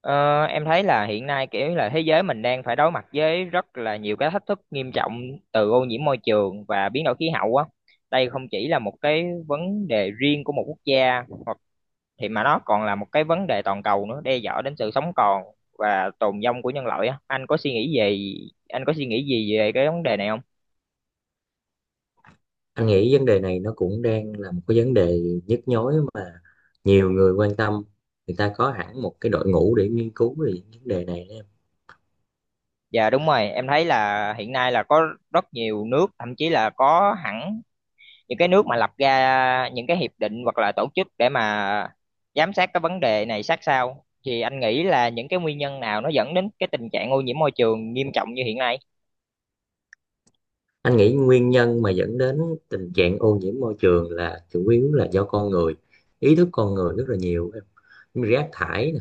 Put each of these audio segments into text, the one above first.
Ờ, em thấy là hiện nay kiểu là thế giới mình đang phải đối mặt với rất là nhiều cái thách thức nghiêm trọng từ ô nhiễm môi trường và biến đổi khí hậu á. Đây không chỉ là một cái vấn đề riêng của một quốc gia hoặc thì mà nó còn là một cái vấn đề toàn cầu nữa, đe dọa đến sự sống còn và tồn vong của nhân loại á. Anh có suy nghĩ gì về cái vấn đề này không? Anh nghĩ vấn đề này nó cũng đang là một cái vấn đề nhức nhối mà nhiều người quan tâm. Người ta có hẳn một cái đội ngũ để nghiên cứu về những vấn đề này đó em. Dạ đúng rồi, em thấy là hiện nay là có rất nhiều nước, thậm chí là có hẳn những cái nước mà lập ra những cái hiệp định hoặc là tổ chức để mà giám sát cái vấn đề này sát sao. Thì anh nghĩ là những cái nguyên nhân nào nó dẫn đến cái tình trạng ô nhiễm môi trường nghiêm trọng như hiện nay? Anh nghĩ nguyên nhân mà dẫn đến tình trạng ô nhiễm môi trường là chủ yếu là do con người, ý thức con người rất là nhiều em. Rác thải nè,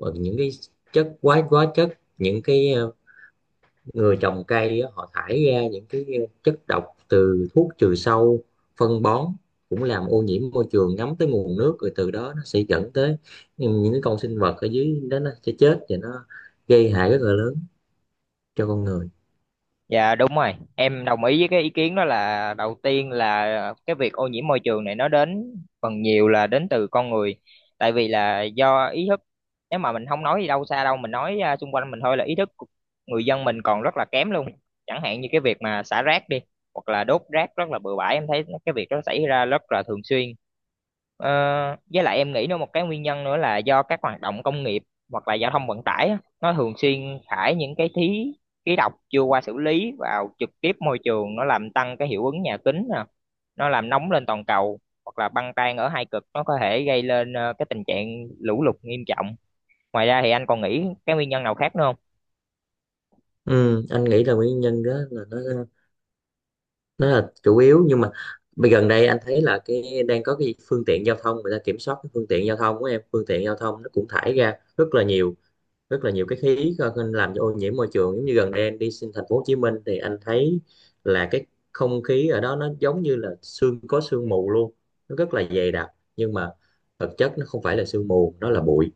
hoặc những cái chất quá quá chất những cái người trồng cây họ thải ra những cái chất độc từ thuốc trừ sâu, phân bón cũng làm ô nhiễm môi trường, ngấm tới nguồn nước, rồi từ đó nó sẽ dẫn tới những cái con sinh vật ở dưới đó nó sẽ chết, và nó gây hại rất là lớn cho con người. Dạ đúng rồi, em đồng ý với cái ý kiến đó. Là đầu tiên là cái việc ô nhiễm môi trường này nó đến phần nhiều là đến từ con người. Tại vì là do ý thức, nếu mà mình không nói gì đâu xa đâu, mình nói xung quanh mình thôi, là ý thức của người dân mình còn rất là kém luôn. Chẳng hạn như cái việc mà xả rác đi, hoặc là đốt rác rất là bừa bãi, em thấy cái việc đó xảy ra rất là thường xuyên. Ờ, với lại em nghĩ nó một cái nguyên nhân nữa là do các hoạt động công nghiệp hoặc là giao thông vận tải á, nó thường xuyên thải những cái khí khí độc chưa qua xử lý vào trực tiếp môi trường, nó làm tăng cái hiệu ứng nhà kính nè, nó làm nóng lên toàn cầu, hoặc là băng tan ở hai cực nó có thể gây lên cái tình trạng lũ lụt nghiêm trọng. Ngoài ra thì anh còn nghĩ cái nguyên nhân nào khác nữa không? Ừ, anh nghĩ là nguyên nhân đó là nó là chủ yếu, nhưng mà bây gần đây anh thấy là cái đang có cái phương tiện giao thông, người ta kiểm soát cái phương tiện giao thông của em. Phương tiện giao thông nó cũng thải ra rất là nhiều cái khí làm cho ô nhiễm môi trường. Giống như gần đây anh đi sinh thành phố Hồ Chí Minh thì anh thấy là cái không khí ở đó nó giống như là sương, có sương mù luôn, nó rất là dày đặc. Nhưng mà thực chất nó không phải là sương mù, nó là bụi.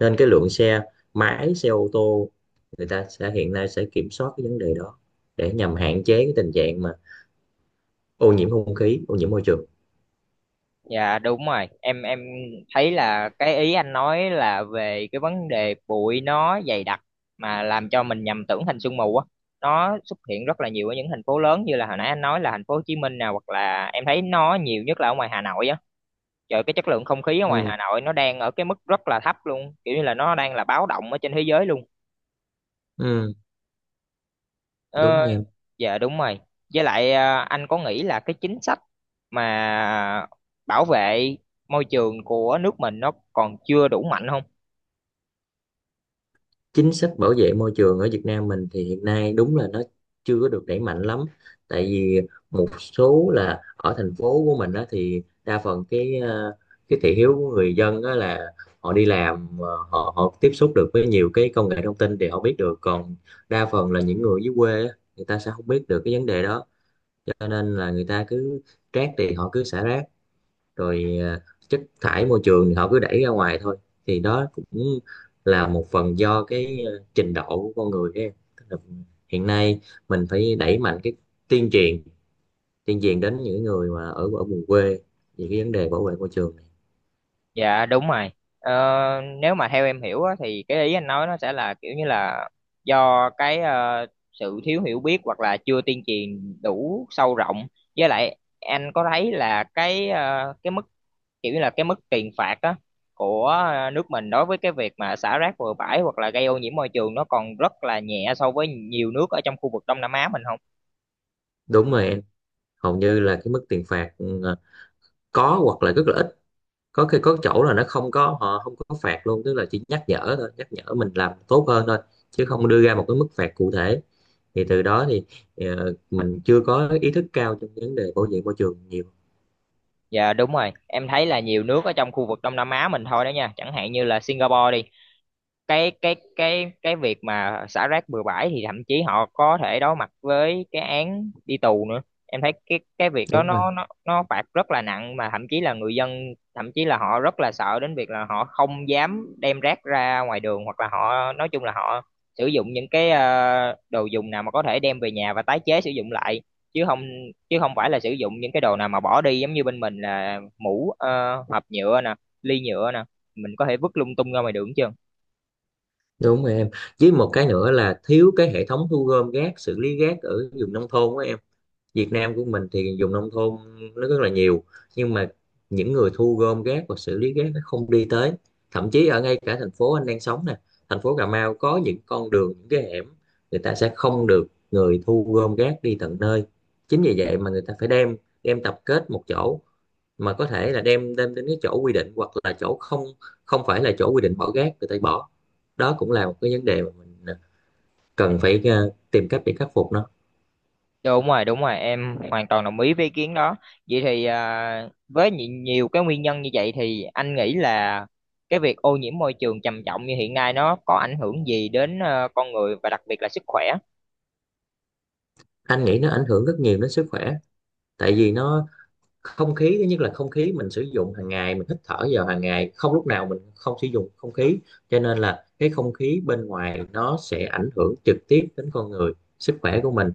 Nên cái lượng xe máy, xe ô tô, người ta sẽ hiện nay sẽ kiểm soát cái vấn đề đó để nhằm hạn chế cái tình trạng mà ô nhiễm không khí, ô nhiễm môi trường. Dạ đúng rồi, em thấy là cái ý anh nói là về cái vấn đề bụi nó dày đặc mà làm cho mình nhầm tưởng thành sương mù á. Nó xuất hiện rất là nhiều ở những thành phố lớn như là hồi nãy anh nói là thành phố Hồ Chí Minh nè, hoặc là em thấy nó nhiều nhất là ở ngoài Hà Nội á. Trời, cái chất lượng không khí ở ngoài Ừ, Hà Nội nó đang ở cái mức rất là thấp luôn, kiểu như là nó đang là báo động ở trên thế giới luôn. ừ, Ờ, đúng em. dạ đúng rồi. Với lại à, anh có nghĩ là cái chính sách mà bảo vệ môi trường của nước mình nó còn chưa đủ mạnh không? Chính sách bảo vệ môi trường ở Việt Nam mình thì hiện nay đúng là nó chưa có được đẩy mạnh lắm, tại vì một số là ở thành phố của mình đó thì đa phần cái thị hiếu của người dân đó là họ đi làm, họ họ tiếp xúc được với nhiều cái công nghệ thông tin thì họ biết được, còn đa phần là những người dưới quê á, người ta sẽ không biết được cái vấn đề đó. Cho nên là người ta cứ rác thì họ cứ xả rác, rồi à, chất thải môi trường thì họ cứ đẩy ra ngoài thôi. Thì đó cũng là một phần do cái à, trình độ của con người ấy. Tức là hiện nay mình phải đẩy mạnh cái tuyên truyền, tuyên truyền đến những người mà ở ở vùng quê về cái vấn đề bảo vệ môi trường này. Dạ đúng rồi. Ờ, Nếu mà theo em hiểu á, thì cái ý anh nói nó sẽ là kiểu như là do cái sự thiếu hiểu biết hoặc là chưa tuyên truyền đủ sâu rộng. Với lại anh có thấy là cái cái mức, kiểu như là cái mức tiền phạt á của nước mình đối với cái việc mà xả rác bừa bãi hoặc là gây ô nhiễm môi trường nó còn rất là nhẹ so với nhiều nước ở trong khu vực Đông Nam Á mình không? Đúng rồi em, hầu như là cái mức tiền phạt ừ, à, có hoặc là rất là ít, có khi có chỗ là nó không có, họ không có phạt luôn, tức là chỉ nhắc nhở thôi, nhắc nhở mình làm tốt hơn thôi chứ không đưa ra một cái mức phạt cụ thể. Thì từ đó thì mình chưa có ý thức cao trong vấn đề bảo vệ môi trường nhiều. Dạ đúng rồi, em thấy là nhiều nước ở trong khu vực Đông Nam Á mình thôi đó nha, chẳng hạn như là Singapore đi. Cái việc mà xả rác bừa bãi thì thậm chí họ có thể đối mặt với cái án đi tù nữa. Em thấy cái việc đó Đúng rồi, nó phạt rất là nặng, mà thậm chí là người dân, thậm chí là họ rất là sợ đến việc là họ không dám đem rác ra ngoài đường, hoặc là họ nói chung là họ sử dụng những cái đồ dùng nào mà có thể đem về nhà và tái chế sử dụng lại, chứ không chứ không phải là sử dụng những cái đồ nào mà bỏ đi, giống như bên mình là mũ hộp nhựa nè, ly nhựa nè, mình có thể vứt lung tung ra ngoài đường chứ. đúng rồi em. Với một cái nữa là thiếu cái hệ thống thu gom rác, xử lý rác ở vùng nông thôn của em. Việt Nam của mình thì dùng nông thôn nó rất là nhiều, nhưng mà những người thu gom rác và xử lý rác nó không đi tới. Thậm chí ở ngay cả thành phố anh đang sống nè, thành phố Cà Mau, có những con đường, những cái hẻm người ta sẽ không được người thu gom rác đi tận nơi. Chính vì vậy mà người ta phải đem, đem tập kết một chỗ, mà có thể là đem đem đến cái chỗ quy định, hoặc là chỗ không, không phải là chỗ quy định bỏ rác người ta bỏ. Đó cũng là một cái vấn đề mà mình à, cần phải tìm cách để khắc phục nó. Đúng rồi, em hoàn toàn đồng ý với ý kiến đó. Vậy thì với nhiều cái nguyên nhân như vậy thì anh nghĩ là cái việc ô nhiễm môi trường trầm trọng như hiện nay nó có ảnh hưởng gì đến con người và đặc biệt là sức khỏe? Anh nghĩ nó ảnh hưởng rất nhiều đến sức khỏe, tại vì nó không khí, thứ nhất là không khí mình sử dụng hàng ngày, mình hít thở vào hàng ngày, không lúc nào mình không sử dụng không khí. Cho nên là cái không khí bên ngoài nó sẽ ảnh hưởng trực tiếp đến con người, sức khỏe của mình.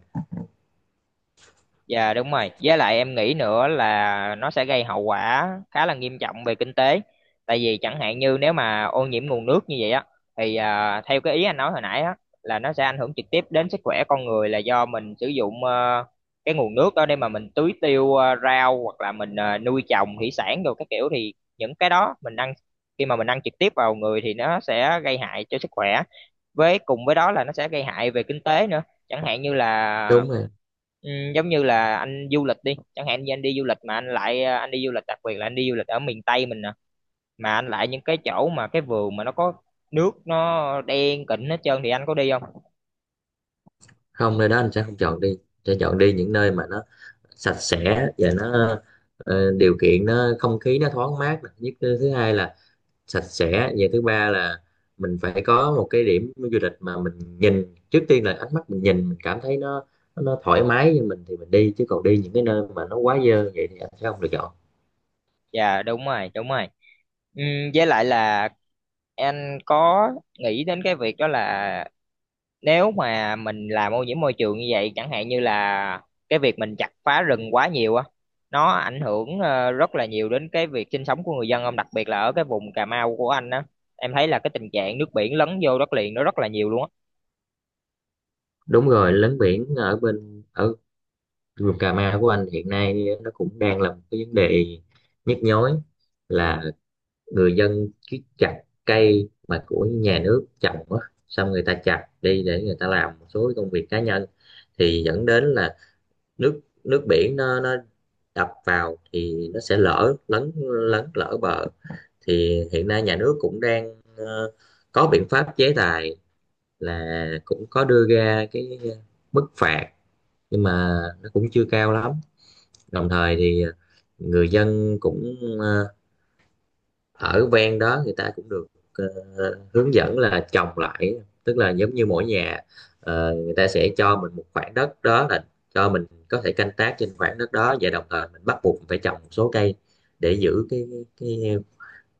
Dạ đúng rồi. Với lại em nghĩ nữa là nó sẽ gây hậu quả khá là nghiêm trọng về kinh tế. Tại vì chẳng hạn như nếu mà ô nhiễm nguồn nước như vậy á, thì theo cái ý anh nói hồi nãy á, là nó sẽ ảnh hưởng trực tiếp đến sức khỏe con người, là do mình sử dụng cái nguồn nước đó để mà mình tưới tiêu rau hoặc là mình nuôi trồng thủy sản rồi các kiểu, thì những cái đó mình ăn, khi mà mình ăn trực tiếp vào người thì nó sẽ gây hại cho sức khỏe. Với cùng với đó là nó sẽ gây hại về kinh tế nữa. Chẳng hạn như là Đúng rồi. Ừ, giống như là anh du lịch đi, chẳng hạn như anh đi du lịch mà anh lại anh đi du lịch, đặc biệt là anh đi du lịch ở miền Tây mình nè, mà anh lại những cái chỗ mà cái vườn mà nó có nước nó đen kịt hết trơn thì anh có đi không? Không, nơi đó anh sẽ không chọn đi, sẽ chọn đi những nơi mà nó sạch sẽ và nó điều kiện nó không khí nó thoáng mát nè. Nhất, thứ hai là sạch sẽ, và thứ ba là mình phải có một cái điểm du lịch mà mình nhìn, trước tiên là ánh mắt mình nhìn mình cảm thấy nó nó thoải mái với mình thì mình đi. Chứ còn đi những cái nơi mà nó quá dơ vậy thì anh sẽ không lựa chọn. Dạ đúng rồi đúng rồi. Ừ, với lại là anh có nghĩ đến cái việc đó là nếu mà mình làm ô nhiễm môi trường như vậy, chẳng hạn như là cái việc mình chặt phá rừng quá nhiều á, nó ảnh hưởng rất là nhiều đến cái việc sinh sống của người dân ông, đặc biệt là ở cái vùng Cà Mau của anh á, em thấy là cái tình trạng nước biển lấn vô đất liền nó rất là nhiều luôn á. Đúng rồi, lấn biển ở ở vùng Cà Mau của anh hiện nay nó cũng đang là một cái vấn đề nhức nhối, là người dân cứ chặt cây mà của nhà nước trồng á, xong người ta chặt đi để người ta làm một số công việc cá nhân, thì dẫn đến là nước nước biển nó đập vào thì nó sẽ lở, lấn lấn lở bờ. Thì hiện nay nhà nước cũng đang có biện pháp chế tài, là cũng có đưa ra cái mức phạt nhưng mà nó cũng chưa cao lắm. Đồng thời thì người dân cũng ở ven đó người ta cũng được ờ, hướng dẫn là trồng lại. Tức là giống như mỗi nhà người ta sẽ cho mình một khoảng đất đó, là cho mình có thể canh tác trên khoảng đất đó, và đồng thời mình bắt buộc phải trồng một số cây để giữ cái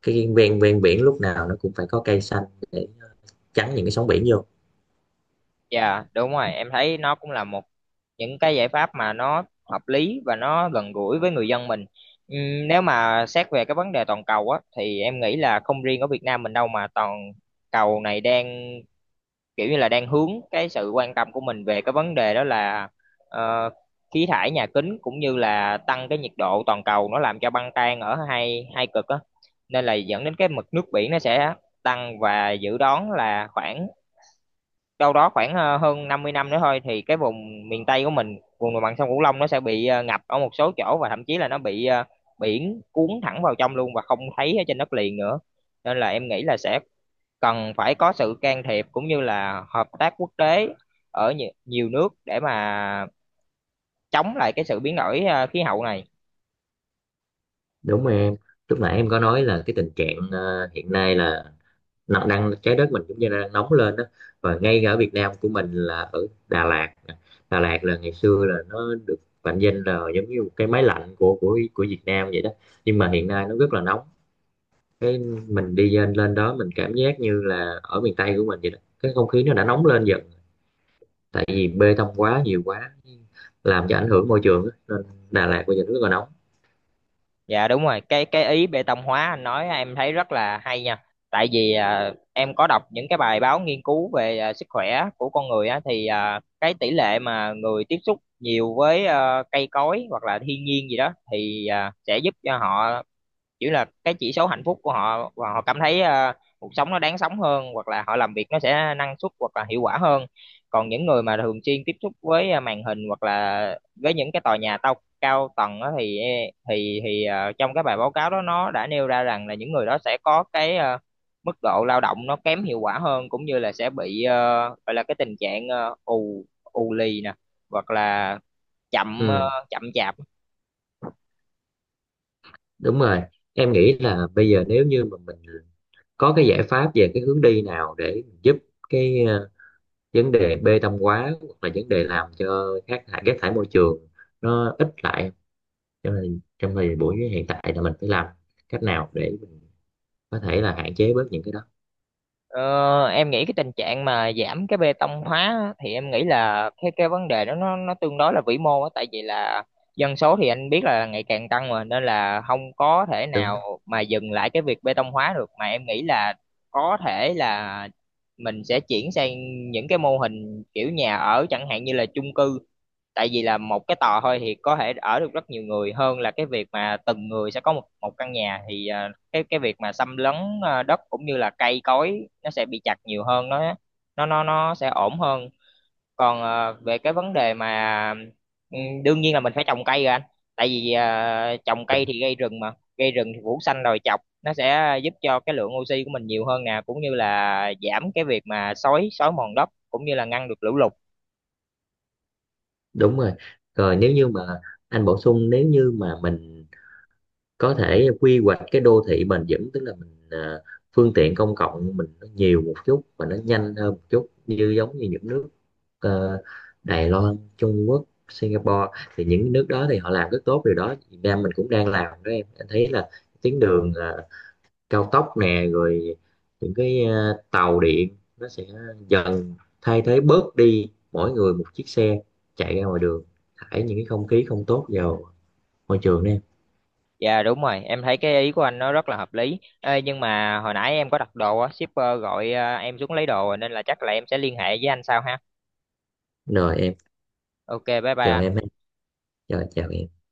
cái ven ven biển lúc nào nó cũng phải có cây xanh để chắn những cái sóng biển vô. Dạ đúng rồi, em thấy nó cũng là một những cái giải pháp mà nó hợp lý và nó gần gũi với người dân mình. Nếu mà xét về cái vấn đề toàn cầu á thì em nghĩ là không riêng ở Việt Nam mình đâu mà toàn cầu này đang kiểu như là đang hướng cái sự quan tâm của mình về cái vấn đề đó là ờ, khí thải nhà kính, cũng như là tăng cái nhiệt độ toàn cầu nó làm cho băng tan ở hai hai cực á, nên là dẫn đến cái mực nước biển nó sẽ tăng, và dự đoán là khoảng đâu đó khoảng hơn 50 năm nữa thôi thì cái vùng miền Tây của mình, vùng đồng bằng sông Cửu Long, nó sẽ bị ngập ở một số chỗ và thậm chí là nó bị biển cuốn thẳng vào trong luôn và không thấy ở trên đất liền nữa. Nên là em nghĩ là sẽ cần phải có sự can thiệp cũng như là hợp tác quốc tế ở nhiều nước để mà chống lại cái sự biến đổi khí hậu này. Đúng rồi em, lúc nãy em có nói là cái tình trạng hiện nay là nó đang trái đất mình cũng như là đang nóng lên đó. Và ngay cả ở Việt Nam của mình là ở Đà Lạt nè. Đà Lạt là ngày xưa là nó được mệnh danh là giống như một cái máy lạnh của của Việt Nam vậy đó, nhưng mà hiện nay nó rất là nóng. Cái mình đi lên lên đó mình cảm giác như là ở miền Tây của mình vậy đó, cái không khí nó đã nóng lên dần, tại vì bê tông quá nhiều làm cho ảnh hưởng môi trường á. Nên Đà Lạt bây giờ rất là nóng. Dạ đúng rồi, cái ý bê tông hóa anh nói em thấy rất là hay nha. Tại vì em có đọc những cái bài báo nghiên cứu về sức khỏe của con người á, thì cái tỷ lệ mà người tiếp xúc nhiều với cây cối hoặc là thiên nhiên gì đó thì sẽ giúp cho họ chỉ là cái chỉ số hạnh phúc của họ, và họ cảm thấy cuộc sống nó đáng sống hơn, hoặc là họ làm việc nó sẽ năng suất hoặc là hiệu quả hơn. Còn những người mà thường xuyên tiếp xúc với màn hình hoặc là với những cái tòa nhà tao cao tầng á thì e, thì thì ờ, trong cái bài báo cáo đó nó đã nêu ra rằng là những người đó sẽ có cái mức độ lao động nó kém hiệu quả hơn, cũng như là sẽ bị gọi là cái tình trạng ù ù lì nè, hoặc là chậm Ừ. chậm chạp. Đúng rồi, em nghĩ là bây giờ nếu như mà mình có cái giải pháp về cái hướng đi nào để giúp cái vấn đề bê tông hóa, hoặc là vấn đề làm cho rác thải môi trường nó ít lại. Cho nên trong thời buổi hiện tại là mình phải làm cách nào để mình có thể là hạn chế bớt những cái đó. Ờ, em nghĩ cái tình trạng mà giảm cái bê tông hóa á, thì em nghĩ là cái vấn đề đó nó tương đối là vĩ mô á, tại vì là dân số thì anh biết là ngày càng tăng, mà nên là không có thể Đúng, nào mà dừng lại cái việc bê tông hóa được, mà em nghĩ là có thể là mình sẽ chuyển sang những cái mô hình kiểu nhà ở, chẳng hạn như là chung cư, tại vì là một cái tòa thôi thì có thể ở được rất nhiều người, hơn là cái việc mà từng người sẽ có một một căn nhà, thì cái việc mà xâm lấn đất cũng như là cây cối nó sẽ bị chặt nhiều hơn, nó sẽ ổn hơn. Còn về cái vấn đề mà ừ, đương nhiên là mình phải trồng cây rồi anh, tại vì trồng cây đúng, thì gây rừng mà, gây rừng thì phủ xanh đồi chọc, nó sẽ giúp cho cái lượng oxy của mình nhiều hơn nè, cũng như là giảm cái việc mà xói xói mòn đất, cũng như là ngăn được lũ lụt. đúng rồi. Rồi nếu như mà anh bổ sung, nếu như mà mình có thể quy hoạch cái đô thị bền vững, tức là mình à, phương tiện công cộng mình nó nhiều một chút và nó nhanh hơn một chút, như giống như những nước ờ, Đài Loan, Trung Quốc, Singapore, thì những nước đó thì họ làm rất tốt điều đó. Việt Nam mình cũng đang làm đó em, anh thấy là tuyến đường cao tốc nè, rồi những cái tàu điện nó sẽ dần thay thế bớt đi mỗi người một chiếc xe chạy ra ngoài đường thải những cái không khí không tốt vào môi trường đó em. Dạ đúng rồi, em thấy cái ý của anh nó rất là hợp lý. Ê, nhưng mà hồi nãy em có đặt đồ á, shipper gọi em xuống lấy đồ, nên là chắc là em sẽ liên hệ với anh sau ha. Rồi em. Ok, bye bye Chào anh. em ha. Rồi, chào em.